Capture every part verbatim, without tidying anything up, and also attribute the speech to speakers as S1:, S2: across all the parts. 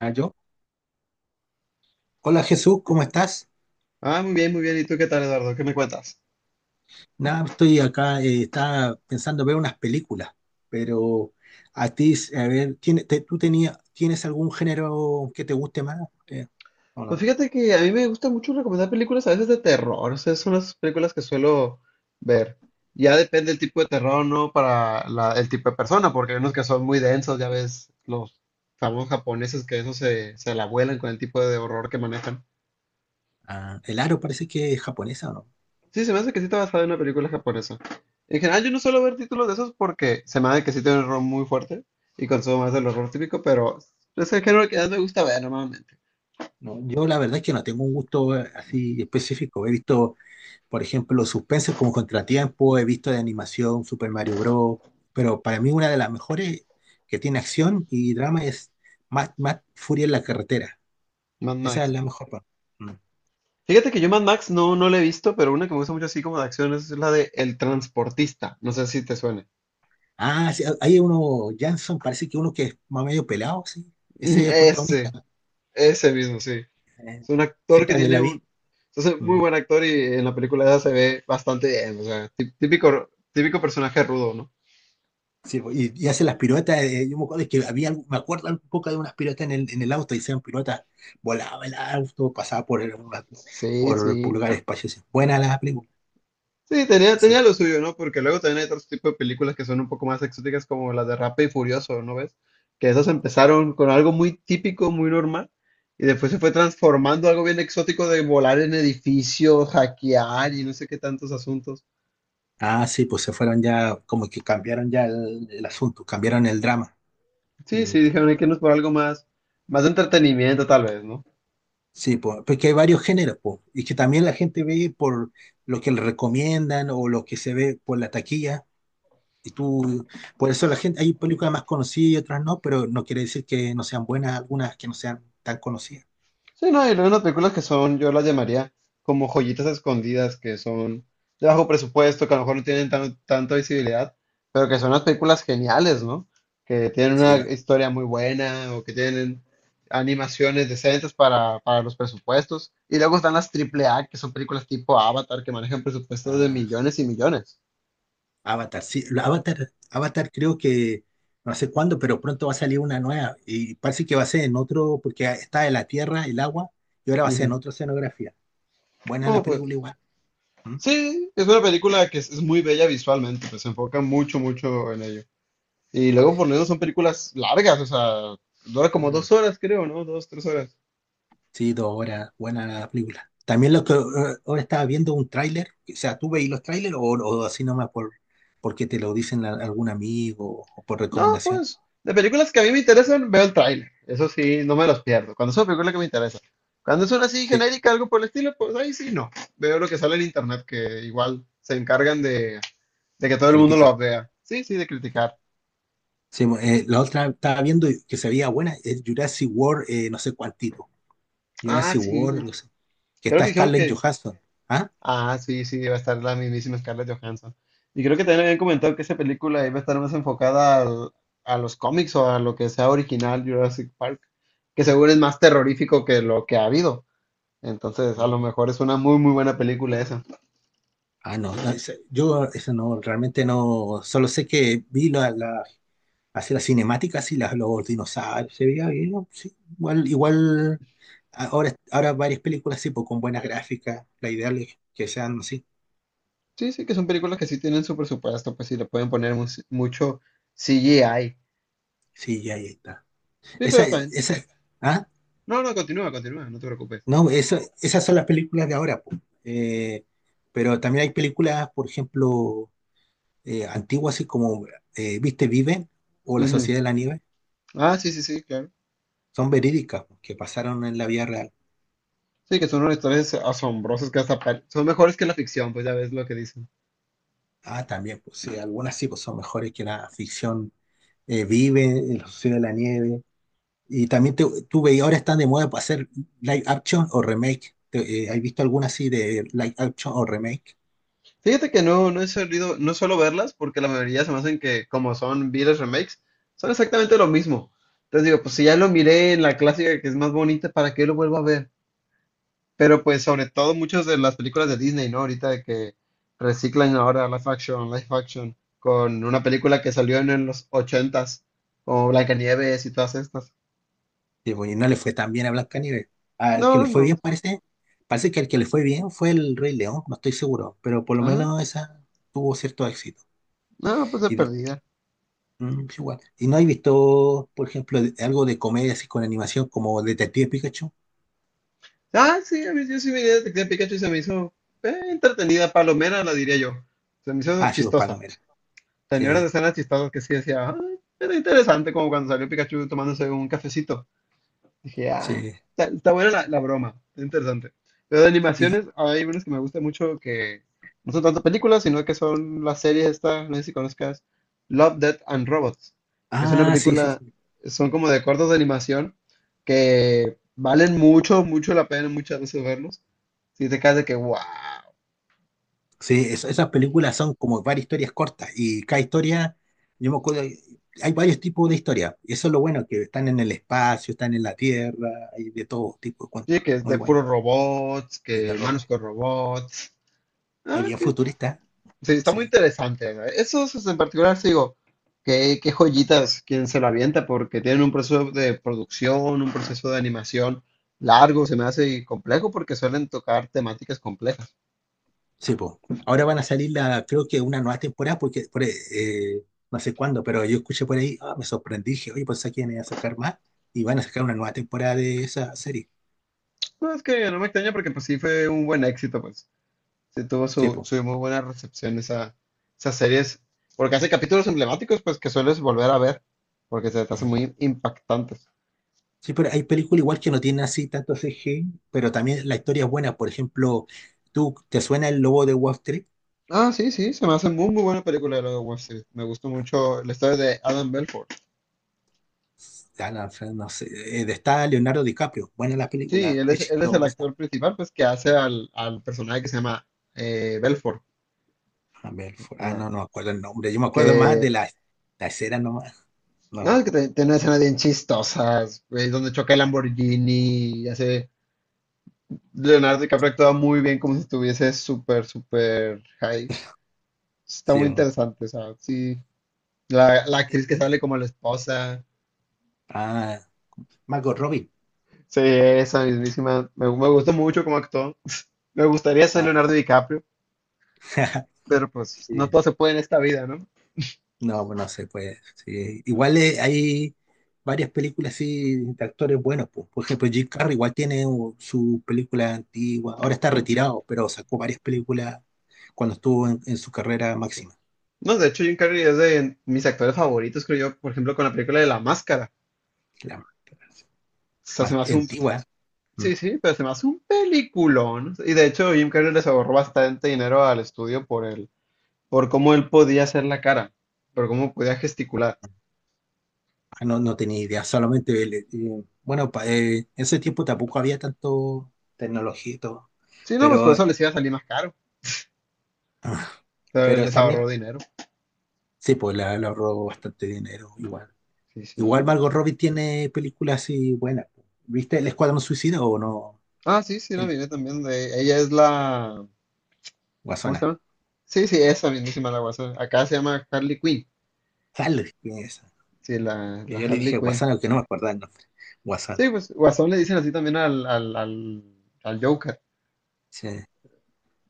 S1: Ah, Yo. Hola Jesús, ¿cómo estás?
S2: Ah, muy bien, muy bien. ¿Y tú qué tal, Eduardo? ¿Qué me cuentas?
S1: Nada, estoy acá, eh, estaba pensando ver unas películas, pero a ti, a ver, ¿tiene- te- ¿tú tenías, tienes algún género que te guste más? Eh, ¿o
S2: Pues
S1: no?
S2: fíjate que a mí me gusta mucho recomendar películas a veces de terror. O sea, son las películas que suelo ver. Ya depende el tipo de terror, ¿no? Para la- el tipo de persona, porque hay unos que son muy densos, ya ves, los famosos japoneses que eso se, se la vuelan con el tipo de horror que manejan.
S1: Ah, el aro parece que es japonesa, ¿o no?
S2: Sí, se me hace que sí está basada en una película japonesa. En general, yo no suelo ver títulos de esos porque se me hace que sí tiene un horror muy fuerte y consumo más del horror típico, pero es el género que más me gusta ver normalmente.
S1: No, yo la verdad es que no tengo un gusto eh, así específico. He visto, por ejemplo, suspensos como Contratiempo, he visto de animación Super Mario Bros., pero para mí una de las mejores que tiene acción y drama es Mad Mad Furia en la carretera.
S2: Mad
S1: Esa es
S2: Max.
S1: la mejor parte. Mm.
S2: Fíjate que yo Mad Max no, no la he visto, pero una que me gusta mucho así como de acción es la de El Transportista. No sé si te suene.
S1: Ah, sí, hay uno, Jansson, parece que uno que es más medio pelado, sí.
S2: Mm.
S1: Ese es el protagonista,
S2: Ese,
S1: ¿no?
S2: ese mismo, sí.
S1: Eh,
S2: Es un
S1: sí,
S2: actor que
S1: también
S2: tiene
S1: la vi.
S2: un. Es un muy
S1: Mm.
S2: buen actor y en la película se ve bastante bien. O sea, tí- típico, típico personaje rudo, ¿no?
S1: Sí, po, y, y hace las piruetas. Eh, yo me acuerdo que había, algo- me acuerdo un poco de unas piruetas en el, en el auto, hicieron piruetas, volaba el auto, pasaba por, el- una-
S2: Sí,
S1: por, por
S2: sí.
S1: lugares espaciosos. Buena la película.
S2: Sí, tenía, tenía
S1: Sí.
S2: lo suyo, ¿no? Porque luego también hay otros tipos de películas que son un poco más exóticas, como las de Rápido y Furioso, ¿no ves? Que esas empezaron con algo muy típico, muy normal, y después se fue transformando a algo bien exótico de volar en edificios, hackear y no sé qué tantos asuntos.
S1: Ah, sí, pues se fueron ya, como que cambiaron ya el, el asunto, cambiaron el drama.
S2: Sí,
S1: Mm.
S2: sí, dijeron, hay que irnos por algo más, más de entretenimiento, tal vez, ¿no?
S1: Sí, po, porque hay varios géneros, po, y que también la gente ve por lo que le recomiendan o lo que se ve por la taquilla. Y tú, por eso la gente, hay películas más conocidas y otras no, pero no quiere decir que no sean buenas algunas que no sean tan conocidas.
S2: Sí, no, y luego unas películas que son, yo las llamaría como joyitas escondidas, que son de bajo presupuesto, que a lo mejor no tienen tan- tanta visibilidad, pero que son unas películas geniales, ¿no? Que tienen una
S1: Sí, va-
S2: historia muy buena o que tienen animaciones decentes para, para los presupuestos. Y luego están las triple A, que son películas tipo Avatar, que manejan presupuestos de
S1: ah,
S2: millones y millones.
S1: Avatar, sí, la Avatar, Avatar creo que no sé cuándo, pero pronto va a salir una nueva y parece que va a ser en otro, porque está en la tierra, el agua, y ahora va a ser en
S2: Ujú.
S1: otra escenografía. Buena
S2: No,
S1: la película
S2: pues
S1: igual. ¿Mm?
S2: sí, es una película que es, es muy bella visualmente, pues se enfoca mucho, mucho en ello. Y luego por lo menos son películas largas, o sea, dura como dos horas, creo, ¿no? Dos, tres horas.
S1: Sí, dos horas, buena la película. También lo que eh, ahora estaba viendo un tráiler, o sea, ¿tú veis los tráilers o, o así nomás por porque te lo dicen a- algún amigo o por
S2: No,
S1: recomendación?
S2: pues, de películas que a mí me interesan, veo el tráiler. Eso sí, no me los pierdo. Cuando es una película que me interesa. Cuando es una así
S1: Sí,
S2: genérica, algo por el estilo, pues ahí sí no. Veo lo que sale en internet, que igual se encargan de, de que todo el mundo
S1: criticar.
S2: lo vea. Sí, sí, de
S1: Sí.
S2: criticar.
S1: Sí, eh, la otra estaba viendo que se veía buena, es Jurassic World, eh, no sé cuántito.
S2: Ah,
S1: Jurassic World,
S2: sí.
S1: no sé, que
S2: Creo
S1: está
S2: que dijeron
S1: Scarlett
S2: que.
S1: Johansson. ¿Ah?
S2: Ah, sí, sí, va a estar la mismísima Scarlett Johansson. Y creo que también habían comentado que esa película iba a estar más enfocada al- a los cómics o a lo que sea original Jurassic Park, que seguro es más terrorífico que lo que ha habido. Entonces, a lo mejor es una muy, muy buena película esa.
S1: Ah, no, no, esa- yo eso no, realmente no, solo sé que vi la, la, así las cinemáticas y las, los dinosaurios, se veía bien, ¿no? Sí, igual, igual. Ahora, ahora varias películas sí, pues con buenas gráficas, la ideal es que sean así.
S2: Sí, sí, que son películas que sí tienen su presupuesto, pues sí le pueden poner mu- mucho C G I.
S1: Sí, ya ahí está.
S2: Sí,
S1: Esa,
S2: pero también.
S1: esa, ah,
S2: No, no, continúa, continúa, no te preocupes.
S1: no, eso- esas son las películas de ahora, pues. Eh, pero también hay películas, por ejemplo, eh, antiguas, así como eh, Viste Vive o La
S2: Ujú.
S1: Sociedad de la Nieve,
S2: Ah, sí, sí, sí, claro.
S1: son verídicas, pues, que pasaron en la vida real.
S2: Sí, que son unas historias asombrosas que hasta pare- son mejores que la ficción, pues ya ves lo que dicen.
S1: Ah, también, pues sí, algunas sí, pues son mejores que la ficción. Eh, Vive, La Sociedad de la Nieve, y también te- tú y ahora están de moda para hacer live action o remake. Te- eh, ¿has visto alguna así de live action o remake?
S2: Fíjate que no, no he solido, no suelo verlas porque la mayoría se me hacen que como son viles remakes, son exactamente lo mismo. Entonces digo, pues si ya lo miré en la clásica que es más bonita, ¿para qué lo vuelvo a ver? Pero pues sobre todo muchas de las películas de Disney, ¿no? Ahorita de que reciclan ahora live action, live action, con una película que salió en, en los ochentas, como Blancanieves y todas estas.
S1: Que, bueno, no le fue tan bien a Blancanieves. Al
S2: No,
S1: que le fue bien
S2: no.
S1: parece, parece que al que le fue bien fue el Rey León, no estoy seguro, pero por lo
S2: Ah,
S1: menos esa tuvo cierto éxito.
S2: no, pues de
S1: Y de-
S2: perdida.
S1: mm, sí, igual. ¿Y no has visto, por ejemplo, de- algo de comedia así con animación como Detective Pikachu?
S2: Ah, sí, a mí, yo sí vi Detective Pikachu y se me hizo eh, entretenida, palomera, la diría yo. Se me hizo
S1: Ah, sí, pues
S2: chistosa.
S1: palomera.
S2: Tenía unas
S1: Sí,
S2: escenas chistosas que sí decía, "Ah, era interesante como cuando salió Pikachu tomándose un cafecito. Dije, ah,
S1: sí.
S2: está, está buena la, la broma, está interesante. Pero de
S1: Y,
S2: animaciones, hay unas que me gustan mucho que no son tanto películas, sino que son las series esta, no sé si conozcas, Love, Death and Robots, que es una
S1: ah, sí, sí.
S2: película, son como de cortos de animación que valen mucho, mucho la pena muchas veces verlos. Si te quedas de que, wow,
S1: Sí, es- esas películas son como varias historias cortas y cada historia, yo me acuerdo, hay varios tipos de historias. Y eso es lo bueno, que están en el espacio, están en la tierra, hay de todo tipo de
S2: sí,
S1: cuentos.
S2: que es
S1: Muy
S2: de
S1: bueno,
S2: puros robots,
S1: y de
S2: que
S1: robo.
S2: humanos con robots.
S1: Es
S2: Ah,
S1: bien
S2: ti-.
S1: futurista,
S2: Sí, está muy
S1: sí.
S2: interesante, ¿no? Esos esos en particular, sí digo, qué, qué joyitas quien se lo avienta, porque tienen un proceso de producción, un proceso de animación largo, se me hace y complejo porque suelen tocar temáticas complejas.
S1: Sí, po. Ahora van a salir la, creo que una nueva temporada, porque por, eh, no sé cuándo, pero yo escuché por ahí, ah, me sorprendí, dije, oye, pues aquí van a sacar más y van a sacar una nueva temporada de esa serie.
S2: No, es que no me extraña porque pues sí fue un buen éxito, pues sí tuvo
S1: Sí,
S2: su,
S1: po.
S2: su muy buena recepción esa, esas series, porque hace capítulos emblemáticos, pues que sueles volver a ver, porque se te hacen muy impactantes.
S1: Sí, pero hay películas igual que no tienen así tanto C G, pero también la historia es buena. Por ejemplo, ¿tú te suena El Lobo de Wall Street?
S2: Ah, sí, sí, se me hace muy, muy buena película de Lobo de Wall Street. Me gustó mucho la historia de Adam Belfort.
S1: Ah, no, Fran, no sé, eh, está Leonardo DiCaprio. Buena la
S2: Sí,
S1: película,
S2: él es,
S1: es
S2: él es el
S1: chistosa.
S2: actor principal, pues, que hace al, al personaje que se llama eh, Belfort.
S1: A ver, fu- ah,
S2: Ah,
S1: no, no me acuerdo el nombre. Yo me acuerdo más de
S2: que,
S1: la, la escena nomás.
S2: no,
S1: No,
S2: es que te- tiene escenas bien chistosas, güey, donde choca el Lamborghini y hace. Leonardo DiCaprio actúa muy bien como si estuviese súper, súper high. Está
S1: sí,
S2: muy interesante, o sea, sí. La, la actriz que
S1: es
S2: sale como la esposa.
S1: ah, Margot Robbie.
S2: Sí, esa mismísima. Me, me gustó mucho cómo actuó. Me gustaría ser Leonardo
S1: Ah,
S2: DiCaprio, pero pues no todo se puede en esta vida, ¿no?
S1: No, pues no se puede, sí. Igual eh, hay varias películas así de actores buenos, pues. Por ejemplo, Jim Carrey igual tiene uh, su película antigua. Ahora está retirado, pero sacó varias películas cuando estuvo en, en su carrera máxima.
S2: No, de hecho, Jim Carrey es de mis actores favoritos, creo yo, por ejemplo, con la película de La Máscara.
S1: La
S2: O sea, se
S1: más
S2: me hace un.
S1: antigua. Mm.
S2: Sí, sí, pero se me hace un peliculón. Y de hecho, Jim Carrey les ahorró bastante dinero al estudio por el, por cómo él podía hacer la cara, por cómo podía gesticular.
S1: Ah, no, no tenía idea. Solamente, el, eh, bueno, pa- eh, en ese tiempo tampoco había tanto tecnología y todo.
S2: Sí, no, pues por
S1: Pero,
S2: eso les iba a salir más caro,
S1: ah,
S2: pero él
S1: pero
S2: les
S1: también,
S2: ahorró dinero.
S1: sí, pues le, le ahorró bastante dinero igual.
S2: Sí,
S1: Igual
S2: sí.
S1: Margot Robbie tiene películas así buenas. ¿Viste El Escuadrón Suicida o no?
S2: Ah, sí, sí, la
S1: El-
S2: miré también de. Ella es la. ¿Cómo se
S1: Guasana.
S2: llama? Sí, sí, esa mismísima la guasa. Acá se llama Harley Quinn.
S1: Dale, ¿quién es esa?
S2: Sí, la,
S1: Y
S2: la
S1: yo le dije
S2: Harley Quinn.
S1: Guasana, que no me acordaba el nombre. Guasana.
S2: Sí, pues Guasón le dicen así también al, al, al, al Joker.
S1: Sí.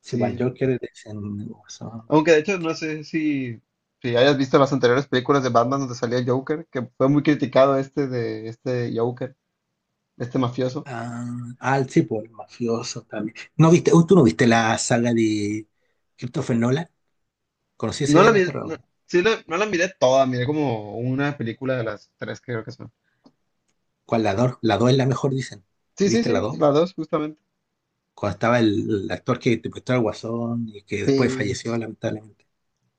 S1: Sí, para el
S2: Sí.
S1: Joker le dicen Guasón.
S2: Aunque de hecho no sé si, si hayas visto las anteriores películas de Batman donde salía el Joker, que fue muy criticado este de este Joker, este mafioso.
S1: Ah, ah, sí, por el mafioso también. ¿No viste? ¿Tú no viste la saga de Christopher Nolan? ¿Conocí ese
S2: No la miré,
S1: director, o
S2: no,
S1: no?
S2: sí la- no la miré toda, miré como una película de las tres que creo que son.
S1: ¿Cuál, la dos? La dos es la mejor, dicen.
S2: Sí, sí,
S1: ¿Viste la
S2: sí,
S1: dos?
S2: las dos justamente.
S1: Cuando estaba el, el actor que interpretó al Guasón y que después
S2: Sí,
S1: falleció, lamentablemente.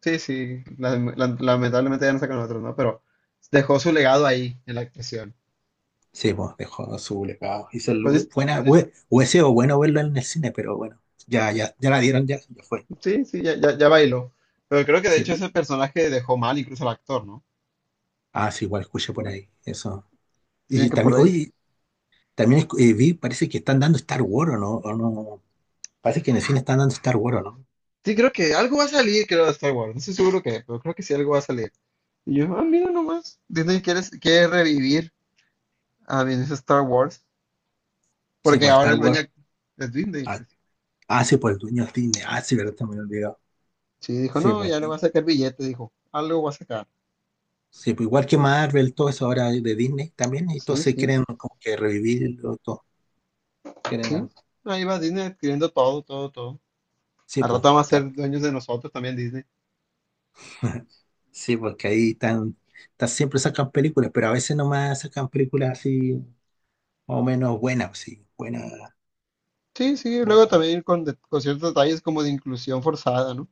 S2: sí, sí. la- la- lamentablemente ya no sacan otros, ¿no? Pero dejó su legado ahí en la actuación.
S1: Sí, pues dejó su legado. Hizo el-
S2: Pues
S1: buena, hue- hubiese sido bueno verlo en el cine, pero bueno, ya, ya, ya la dieron, ya, ya fue.
S2: sí, sí, ya, ya, ya bailó. Pero creo que de hecho
S1: Sí.
S2: ese personaje dejó mal incluso al actor, ¿no?
S1: Ah, sí, igual escuché por ahí. Eso.
S2: Dicen
S1: Y
S2: que por
S1: también,
S2: ahí.
S1: oye, también escu- eh, vi, parece que están dando Star Wars, ¿o no? ¿O no? Parece que en el cine están dando Star Wars, ¿o no?
S2: Sí, creo que algo va a salir, creo, de Star Wars. No estoy seguro que, pero creo que sí algo va a salir. Y yo, ah, mira nomás. Disney quiere, quiere revivir a ese Star Wars.
S1: Sí,
S2: Porque
S1: pues
S2: ahora
S1: Star
S2: el dueño
S1: Wars.
S2: es Disney,
S1: Ah,
S2: pues.
S1: ah, sí, pues el dueño de Disney. Ah, sí, verdad, también olvidado.
S2: Sí, dijo,
S1: Sí,
S2: no,
S1: pues.
S2: ya le va a sacar billete, dijo. Algo va a sacar.
S1: Sí, pues igual que Marvel, todo eso ahora de Disney también, y todos
S2: Sí,
S1: se
S2: sí,
S1: quieren como que revivirlo, todo.
S2: sí.
S1: Quieren,
S2: Ahí va Disney adquiriendo todo, todo, todo.
S1: sí,
S2: Al
S1: pues,
S2: rato van a
S1: tal.
S2: ser dueños de nosotros también Disney.
S1: Sí, porque ahí están, están- siempre sacan películas, pero a veces nomás sacan películas así, más o menos buenas, pues sí, buena,
S2: Sí, sí,
S1: buena,
S2: luego
S1: buena.
S2: también con, de- con ciertos detalles como de inclusión forzada, ¿no?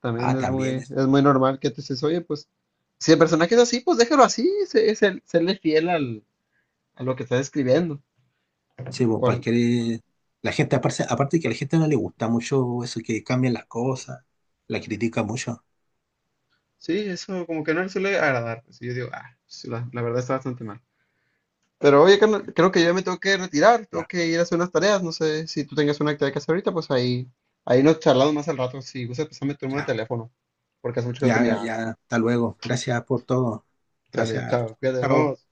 S2: También
S1: Ah,
S2: es
S1: también
S2: muy,
S1: eso.
S2: es muy normal que te dices, oye, pues, si el personaje es así, pues déjalo así, se, se- serle fiel al, a lo que está escribiendo.
S1: Sí, pues para
S2: Cual-.
S1: que la gente, aparte, aparte que a la gente no le gusta mucho eso, que cambian las cosas, la critica mucho.
S2: Sí, eso como que no le suele agradar. Así yo digo, ah, pues, la, la verdad está bastante mal. Pero oye, carnal, creo que yo me tengo que retirar, tengo
S1: Ya,
S2: que ir a hacer unas tareas, no sé si tú tengas una actividad que hacer ahorita, pues ahí, ahí, nos charlamos más al rato, si gustas, pasame tu número de
S1: ya,
S2: teléfono, porque hace mucho que no te
S1: ya,
S2: miraba.
S1: ya, hasta luego. Gracias por todo.
S2: Sale,
S1: Gracias por
S2: chao,
S1: todo.
S2: cuídate, nos
S1: Chao.
S2: vemos.